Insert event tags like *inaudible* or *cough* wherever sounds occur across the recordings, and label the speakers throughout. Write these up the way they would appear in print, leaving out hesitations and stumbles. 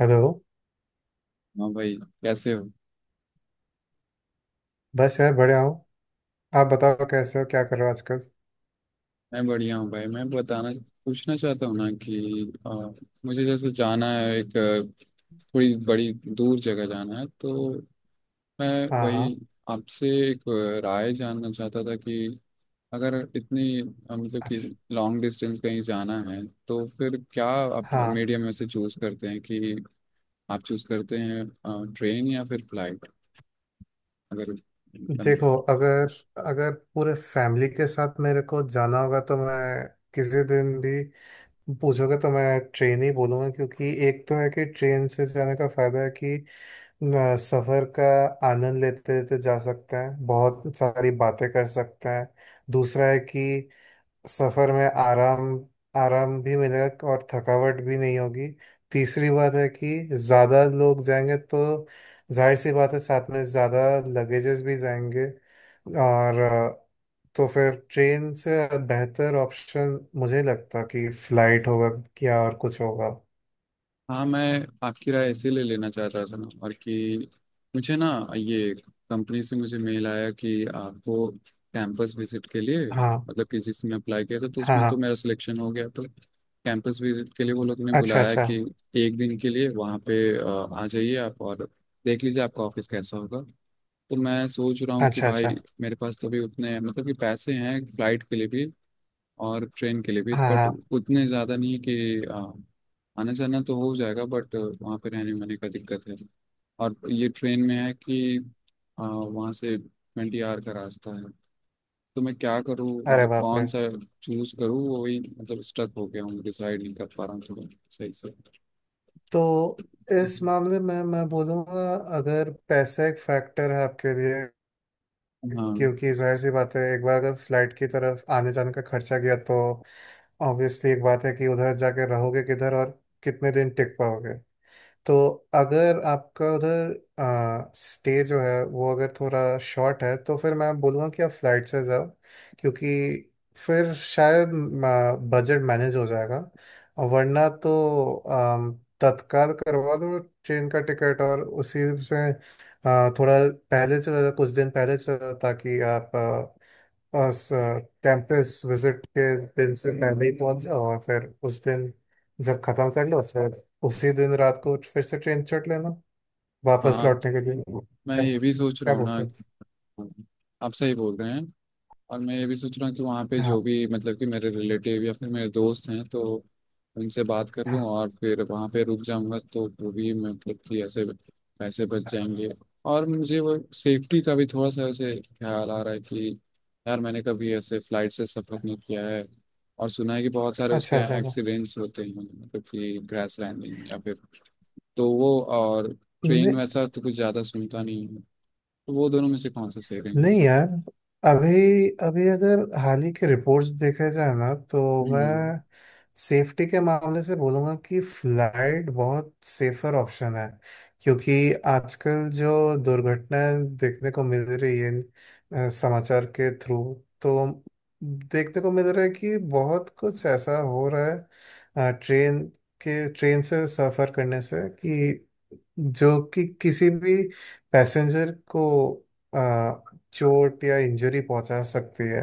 Speaker 1: Hello.
Speaker 2: हाँ भाई। कैसे हो?
Speaker 1: बस यार बढ़िया हूँ। आप बताओ कैसे हो, क्या कर रहे हो आजकल?
Speaker 2: मैं बढ़िया हूँ भाई। मैं बताना पूछना चाहता हूँ ना कि मुझे जैसे जाना है, एक थोड़ी बड़ी दूर जगह जाना है, तो मैं
Speaker 1: हाँ
Speaker 2: वही
Speaker 1: हाँ।
Speaker 2: आपसे एक राय जानना चाहता था कि अगर इतनी मतलब कि
Speaker 1: अच्छा।
Speaker 2: लॉन्ग डिस्टेंस कहीं जाना है तो फिर क्या आप
Speaker 1: हाँ।
Speaker 2: मीडियम में से चूज़ करते हैं, कि आप चूज़ करते हैं ट्रेन या फिर फ्लाइट? अगर मतलब,
Speaker 1: देखो, अगर अगर पूरे फैमिली के साथ मेरे को जाना होगा तो मैं किसी दिन भी पूछोगे तो मैं ट्रेन ही बोलूँगा, क्योंकि एक तो है कि ट्रेन से जाने का फ़ायदा है कि न, सफ़र का आनंद लेते लेते जा सकते हैं, बहुत सारी बातें कर सकते हैं। दूसरा है कि सफर में आराम आराम भी मिलेगा और थकावट भी नहीं होगी। तीसरी बात है कि ज़्यादा लोग जाएंगे तो जाहिर सी बात है साथ में ज़्यादा लगेजेस भी जाएंगे, और तो फिर ट्रेन से बेहतर ऑप्शन मुझे लगता कि फ्लाइट होगा। क्या और कुछ होगा?
Speaker 2: हाँ मैं आपकी राय इसीलिए लेना चाहता था ना, और कि मुझे ना ये कंपनी से मुझे मेल आया कि आपको कैंपस विजिट के लिए,
Speaker 1: हाँ
Speaker 2: मतलब कि जिसमें अप्लाई किया था, तो
Speaker 1: हाँ
Speaker 2: उसमें तो
Speaker 1: हाँ।
Speaker 2: मेरा सिलेक्शन हो गया, तो कैंपस विजिट के लिए वो लोग ने
Speaker 1: अच्छा
Speaker 2: बुलाया
Speaker 1: अच्छा।
Speaker 2: कि एक दिन के लिए वहाँ पे आ जाइए आप और देख लीजिए आपका ऑफिस कैसा होगा। तो मैं सोच रहा हूँ कि
Speaker 1: अच्छा अच्छा।
Speaker 2: भाई, मेरे पास तो अभी उतने मतलब कि पैसे हैं फ्लाइट के लिए भी और ट्रेन के लिए भी,
Speaker 1: हाँ
Speaker 2: बट
Speaker 1: हाँ।
Speaker 2: उतने ज़्यादा नहीं है कि आना जाना तो हो जाएगा, बट वहाँ पे रहने वहने का दिक्कत है। और ये ट्रेन में है कि वहाँ से 20 आवर का रास्ता है। तो मैं क्या करूँ,
Speaker 1: अरे
Speaker 2: मतलब
Speaker 1: बाप रे।
Speaker 2: कौन सा चूज करूँ, वही मतलब स्टक हो गया हूँ, डिसाइड नहीं कर पा रहा हूँ थोड़ा सही से।
Speaker 1: तो इस
Speaker 2: हम्म।
Speaker 1: मामले में मैं बोलूँगा, अगर पैसा एक फैक्टर है आपके लिए, क्योंकि
Speaker 2: हाँ,
Speaker 1: जाहिर सी बात है एक बार अगर फ्लाइट की तरफ आने जाने का खर्चा गया तो ऑब्वियसली एक बात है कि उधर जाके रहोगे किधर, और कितने दिन टिक पाओगे। तो अगर आपका उधर स्टे जो है वो अगर थोड़ा शॉर्ट है तो फिर मैं बोलूँगा कि आप फ्लाइट से जाओ, क्योंकि फिर शायद बजट मैनेज हो जाएगा। और वरना तो अम, तत्काल करवा दो ट्रेन का टिकट, और उसी से थोड़ा पहले चला जाओ, कुछ दिन पहले चला जाओ, ताकि आप और कैंपस विजिट के दिन से पहले ही पहुंच जाओ और फिर उस दिन जब खत्म कर लो, फिर उसी दिन रात को फिर से ट्रेन चढ़ लेना, वापस
Speaker 2: हाँ,
Speaker 1: लौटने के लिए। *laughs*
Speaker 2: मैं
Speaker 1: क्या
Speaker 2: ये भी सोच रहा
Speaker 1: क्या
Speaker 2: हूँ ना,
Speaker 1: बोलते हैं?
Speaker 2: आप सही बोल रहे हैं। और मैं ये भी सोच रहा हूँ कि वहाँ पे जो
Speaker 1: हाँ
Speaker 2: भी मतलब कि मेरे रिलेटिव या फिर मेरे दोस्त हैं, तो उनसे बात कर लूँ
Speaker 1: हाँ।
Speaker 2: और फिर वहाँ पे रुक जाऊँगा, तो वो भी मतलब कि ऐसे पैसे बच जाएंगे। और मुझे वो सेफ्टी का भी थोड़ा सा ऐसे ख्याल आ रहा है कि यार मैंने कभी ऐसे फ्लाइट से सफ़र नहीं किया है, और सुना है कि बहुत सारे उसके
Speaker 1: अच्छा अच्छा
Speaker 2: एक्सीडेंट्स होते हैं, मतलब कि क्रैश लैंडिंग या फिर, तो वो, और ट्रेन
Speaker 1: अच्छा।
Speaker 2: वैसा तो कुछ ज़्यादा सुनता नहीं है। तो वो दोनों में से कौन सा सही रहेंगे?
Speaker 1: नहीं यार, अभी अभी अगर हाल ही के रिपोर्ट्स देखे जाए ना तो
Speaker 2: हम्म,
Speaker 1: मैं सेफ्टी के मामले से बोलूँगा कि फ्लाइट बहुत सेफर ऑप्शन है। क्योंकि आजकल जो दुर्घटनाएं देखने को मिल रही है समाचार के थ्रू, तो देखने को मिल रहा है कि बहुत कुछ ऐसा हो रहा है ट्रेन से सफ़र करने से, कि जो कि किसी भी पैसेंजर को आ, चोट या इंजरी पहुंचा सकती है।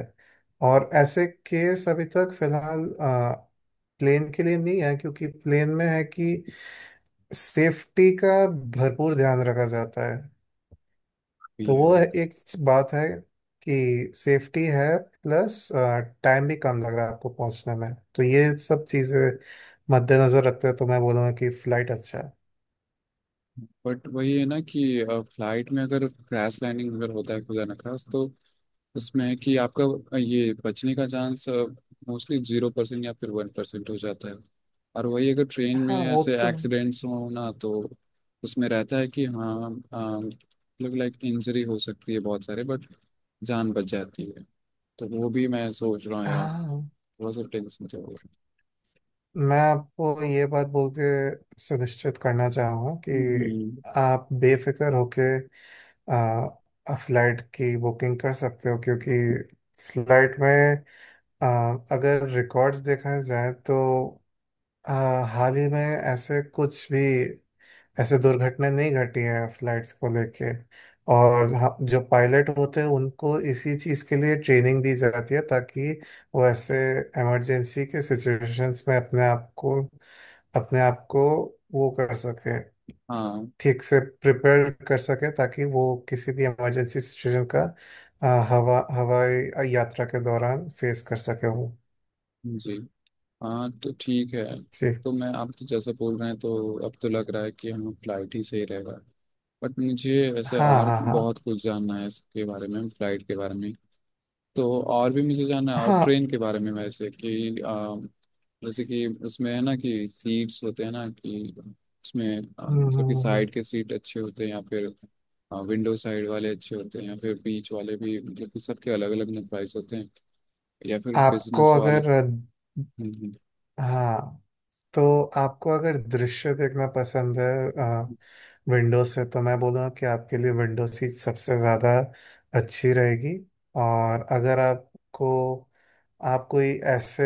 Speaker 1: और ऐसे केस अभी तक फिलहाल प्लेन के लिए नहीं है, क्योंकि प्लेन में है कि सेफ्टी का भरपूर ध्यान रखा जाता है। तो
Speaker 2: ये है
Speaker 1: वो
Speaker 2: यार।
Speaker 1: एक बात है कि सेफ्टी है, प्लस टाइम भी कम लग रहा है आपको पहुंचने में, तो ये सब चीज़ें मद्देनजर रखते हुए तो मैं बोलूँगा कि फ्लाइट अच्छा है।
Speaker 2: बट वही है ना कि फ्लाइट में अगर क्रैश लैंडिंग अगर होता है खुदा न खास्त, तो उसमें है कि आपका ये बचने का चांस मोस्टली 0% या फिर 1% हो जाता है। और वही अगर ट्रेन में
Speaker 1: हाँ वो
Speaker 2: ऐसे
Speaker 1: तो।
Speaker 2: एक्सीडेंट्स हो ना, तो उसमें रहता है कि हाँ मतलब लाइक इंजरी हो सकती है बहुत सारे, बट जान बच जाती है। तो वो भी मैं सोच रहा हूँ यार,
Speaker 1: हाँ,
Speaker 2: थोड़ा सा टेंशन चल रहा है।
Speaker 1: मैं आपको ये बात बोल के सुनिश्चित करना चाहूँगा कि
Speaker 2: हम्म।
Speaker 1: आप बेफिक्र होके फ्लाइट की बुकिंग कर सकते हो, क्योंकि फ्लाइट में आ, अगर रिकॉर्ड्स देखा जाए तो आ, हाल ही में ऐसे कुछ भी, ऐसे दुर्घटनाएं नहीं घटी है फ्लाइट्स को लेके। और हाँ, जो पायलट होते हैं उनको इसी चीज़ के लिए ट्रेनिंग दी जाती है, ताकि वो ऐसे इमरजेंसी के सिचुएशंस में अपने आप को वो कर सके,
Speaker 2: हाँ।
Speaker 1: ठीक से प्रिपेयर कर सके, ताकि वो किसी भी इमरजेंसी सिचुएशन का हवाई यात्रा के दौरान फेस कर सके वो।
Speaker 2: जी। हाँ, तो ठीक है।
Speaker 1: जी।
Speaker 2: तो मैं, आप तो जैसे बोल रहे हैं तो अब तो लग रहा है कि हम फ्लाइट ही सही रहेगा। बट मुझे ऐसे
Speaker 1: हाँ
Speaker 2: और
Speaker 1: हाँ हाँ
Speaker 2: बहुत कुछ जानना है इसके बारे में, फ्लाइट के बारे में। तो और भी मुझे जानना है, और
Speaker 1: हाँ।
Speaker 2: ट्रेन के बारे में वैसे कि जैसे कि उसमें है ना कि सीट्स होते हैं ना, कि उसमें
Speaker 1: हम्म,
Speaker 2: मतलब कि
Speaker 1: हम्म, हम्म।
Speaker 2: साइड के सीट अच्छे होते हैं या फिर विंडो साइड वाले अच्छे होते हैं या फिर बीच वाले भी, मतलब कि सबके अलग अलग प्राइस होते हैं, या फिर
Speaker 1: आपको
Speaker 2: बिजनेस वाले।
Speaker 1: अगर।
Speaker 2: हम्म, हम्म,
Speaker 1: हाँ। तो आपको अगर दृश्य देखना पसंद है विंडो से, तो मैं बोलूँगा कि आपके लिए विंडो सीट सबसे ज़्यादा अच्छी रहेगी। और अगर आपको, आप कोई ऐसे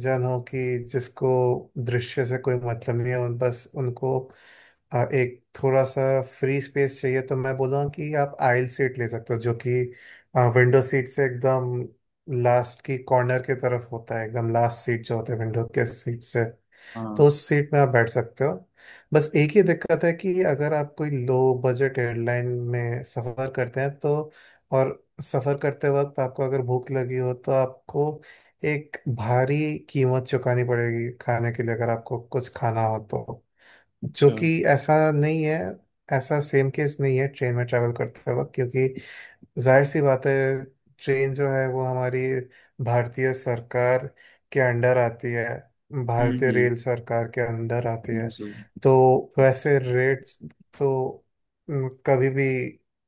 Speaker 1: जन हो कि जिसको दृश्य से कोई मतलब नहीं है, उन बस उनको एक थोड़ा सा फ्री स्पेस चाहिए, तो मैं बोलूँगा कि आप आइल सीट ले सकते हो, जो कि विंडो सीट से एकदम लास्ट की कॉर्नर की तरफ होता है, एकदम लास्ट सीट जो होता है विंडो के सीट से।
Speaker 2: हाँ,
Speaker 1: तो उस सीट में आप बैठ सकते हो। बस एक ही दिक्कत है कि अगर आप कोई लो बजट एयरलाइन में सफ़र करते हैं, तो और सफ़र करते वक्त आपको अगर भूख लगी हो तो आपको एक भारी कीमत चुकानी पड़ेगी खाने के लिए, अगर आपको कुछ खाना हो तो, जो
Speaker 2: अच्छा,
Speaker 1: कि ऐसा नहीं है। ऐसा सेम केस नहीं है ट्रेन में ट्रैवल करते वक्त, क्योंकि जाहिर सी बात है ट्रेन जो है वो हमारी भारतीय सरकार के अंडर आती है,
Speaker 2: हम्म,
Speaker 1: भारतीय रेल सरकार के अंडर आती है।
Speaker 2: जी,
Speaker 1: तो वैसे रेट्स तो न, कभी भी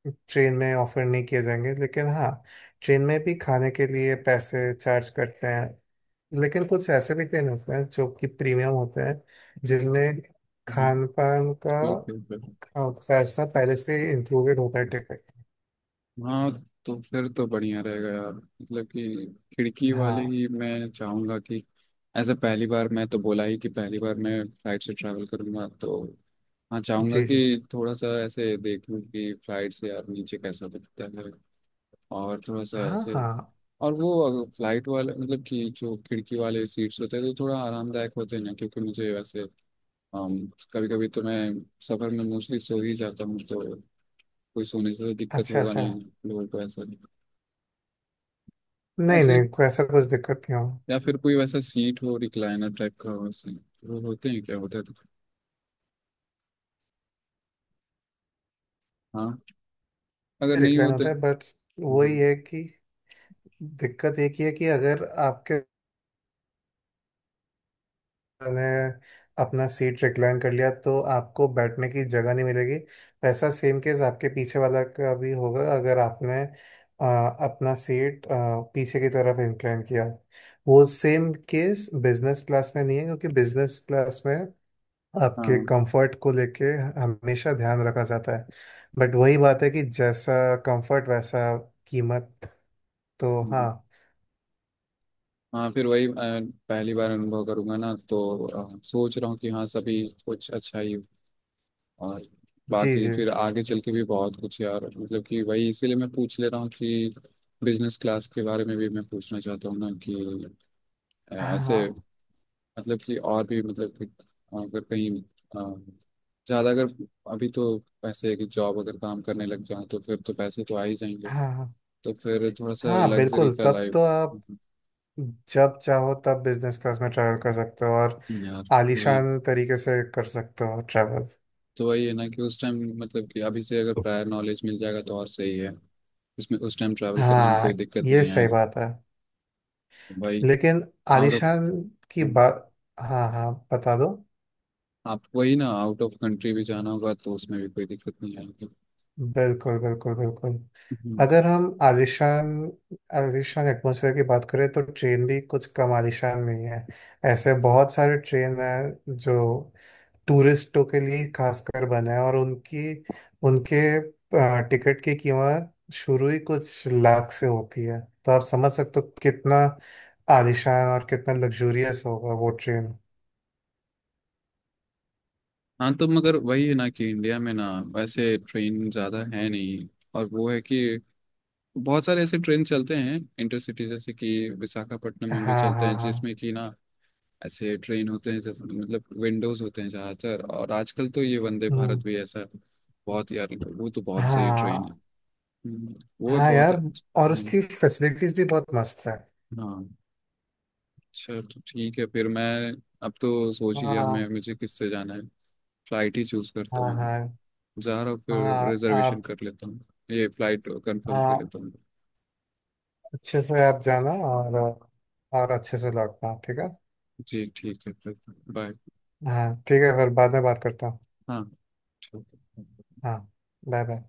Speaker 1: ट्रेन में ऑफर नहीं किए जाएंगे, लेकिन हाँ, ट्रेन में भी खाने के लिए पैसे चार्ज करते हैं। लेकिन कुछ ऐसे भी ट्रेन होते हैं जो कि प्रीमियम होते हैं, जिनमें
Speaker 2: हम्म,
Speaker 1: खान पान का
Speaker 2: ठीक है फिर।
Speaker 1: पैसा पहले से इंक्लूडेड होता है टिकट।
Speaker 2: हाँ, तो फिर तो बढ़िया रहेगा यार, मतलब कि खिड़की वाले
Speaker 1: हाँ।
Speaker 2: ही मैं चाहूँगा कि ऐसे। पहली बार मैं तो बोला ही कि पहली बार मैं फ्लाइट से ट्रैवल करूँगा, तो हाँ चाहूँगा
Speaker 1: जी जी।
Speaker 2: कि थोड़ा सा ऐसे देखूँ कि फ्लाइट से यार नीचे कैसा दिखता है। और थोड़ा सा
Speaker 1: हाँ
Speaker 2: ऐसे,
Speaker 1: हाँ।
Speaker 2: और वो फ्लाइट वाले मतलब कि जो खिड़की वाले सीट्स होते हैं, तो थोड़ा आरामदायक होते हैं ना, क्योंकि मुझे वैसे कभी कभी तो मैं सफर में मोस्टली सो ही जाता हूँ, तो कोई सोने से तो दिक्कत
Speaker 1: अच्छा
Speaker 2: होगा
Speaker 1: अच्छा।
Speaker 2: नहीं, लोगों को ऐसा नहीं
Speaker 1: नहीं
Speaker 2: ऐसे।
Speaker 1: नहीं, कोई ऐसा कुछ दिक्कत नहीं हो।
Speaker 2: या फिर कोई वैसा सीट हो, रिक्लाइनर टाइप का हो वैसे, वो होते हैं क्या होटल? हाँ, अगर नहीं
Speaker 1: रिक्लाइन
Speaker 2: होते।
Speaker 1: होता है, बट वही
Speaker 2: हम्म,
Speaker 1: है कि दिक्कत एक ही है कि अगर आपके ने अपना सीट रिक्लाइन कर लिया तो आपको बैठने की जगह नहीं मिलेगी। वैसा सेम केस आपके पीछे वाला का भी होगा, अगर आपने अपना सीट पीछे की तरफ इंक्लाइन किया। वो सेम केस बिजनेस क्लास में नहीं है, क्योंकि बिजनेस क्लास में आपके
Speaker 2: हाँ।
Speaker 1: कंफर्ट को लेके हमेशा ध्यान रखा जाता है। बट वही बात है कि जैसा कंफर्ट वैसा कीमत, तो
Speaker 2: हम्म।
Speaker 1: हाँ।
Speaker 2: हाँ, फिर वही पहली बार अनुभव करूंगा ना, तो सोच रहा हूँ कि हाँ सभी कुछ अच्छा ही हो। और
Speaker 1: जी
Speaker 2: बाकी
Speaker 1: जी।
Speaker 2: फिर आगे चल के भी बहुत कुछ यार, मतलब कि वही इसीलिए मैं पूछ ले रहा हूँ कि बिजनेस क्लास के बारे में भी मैं पूछना चाहता हूँ ना कि ऐसे
Speaker 1: हाँ
Speaker 2: मतलब कि, और भी मतलब कि अगर कहीं ज़्यादा अगर, अभी तो पैसे है, कि जॉब अगर काम करने लग जाऊँ तो फिर तो पैसे तो आ ही जाएंगे।
Speaker 1: हाँ
Speaker 2: तो फिर थोड़ा सा
Speaker 1: हाँ,
Speaker 2: लग्जरी
Speaker 1: बिल्कुल,
Speaker 2: का
Speaker 1: तब
Speaker 2: लाइफ
Speaker 1: तो आप जब चाहो तब बिजनेस क्लास में ट्रैवल कर सकते हो, और
Speaker 2: यार। वही,
Speaker 1: आलीशान तरीके से कर सकते हो ट्रैवल।
Speaker 2: तो वही है ना कि उस टाइम, मतलब कि अभी से अगर प्रायर नॉलेज मिल जाएगा तो और सही है, इसमें उस टाइम ट्रैवल करने में
Speaker 1: हाँ,
Speaker 2: कोई दिक्कत
Speaker 1: ये
Speaker 2: नहीं
Speaker 1: सही
Speaker 2: आएगा
Speaker 1: बात है।
Speaker 2: भाई।
Speaker 1: लेकिन
Speaker 2: आउट ऑफ
Speaker 1: आलीशान की बात। हाँ हाँ, बता दो।
Speaker 2: आप, वही ना, आउट ऑफ कंट्री भी जाना होगा तो उसमें भी कोई दिक्कत नहीं आएगी।
Speaker 1: बिल्कुल बिल्कुल बिल्कुल। अगर हम आलिशान आलिशान एटमॉस्फेयर की बात करें, तो ट्रेन भी कुछ कम आलिशान नहीं है। ऐसे बहुत सारे ट्रेन हैं जो टूरिस्टों के लिए खासकर बने हैं, और उनकी उनके टिकट की कीमत शुरू ही कुछ लाख से होती है, तो आप समझ सकते हो कितना आलिशान और कितना लग्जूरियस होगा वो ट्रेन।
Speaker 2: हाँ, तो मगर वही है ना कि इंडिया में ना वैसे ट्रेन ज़्यादा है नहीं। और वो है कि बहुत सारे ऐसे ट्रेन चलते हैं इंटरसिटी, जैसे कि विशाखापट्टनम में भी
Speaker 1: हाँ
Speaker 2: चलते
Speaker 1: हाँ
Speaker 2: हैं
Speaker 1: हाँ।
Speaker 2: जिसमें कि ना ऐसे ट्रेन होते हैं जैसे मतलब विंडोज होते हैं ज़्यादातर। और आजकल तो ये वंदे
Speaker 1: हम्म।
Speaker 2: भारत भी ऐसा बहुत, यार वो तो बहुत सही ट्रेन है।
Speaker 1: हाँ।
Speaker 2: हम्म, वो
Speaker 1: हाँ
Speaker 2: बहुत
Speaker 1: यार,
Speaker 2: अच्छा-
Speaker 1: और
Speaker 2: हाँ,
Speaker 1: उसकी फैसिलिटीज भी बहुत मस्त है।
Speaker 2: हाँ। अच्छा तो ठीक है फिर, मैं अब तो सोच ही लिया मैं
Speaker 1: हाँ
Speaker 2: मुझे किससे जाना है, फ्लाइट ही चूज करता
Speaker 1: हाँ
Speaker 2: हूँ,
Speaker 1: हाँ।
Speaker 2: जहरा फिर
Speaker 1: हाँ
Speaker 2: रिजर्वेशन
Speaker 1: आप।
Speaker 2: कर लेता हूँ, ये फ्लाइट कंफर्म कर
Speaker 1: हाँ।
Speaker 2: लेता हूँ।
Speaker 1: अच्छे से आप जाना, और अच्छे से लौटना, ठीक है?
Speaker 2: जी ठीक है फिर, बाय।
Speaker 1: हाँ ठीक है फिर, बाद में बात करता हूँ।
Speaker 2: हाँ ठीक है।
Speaker 1: हाँ। Bye bye.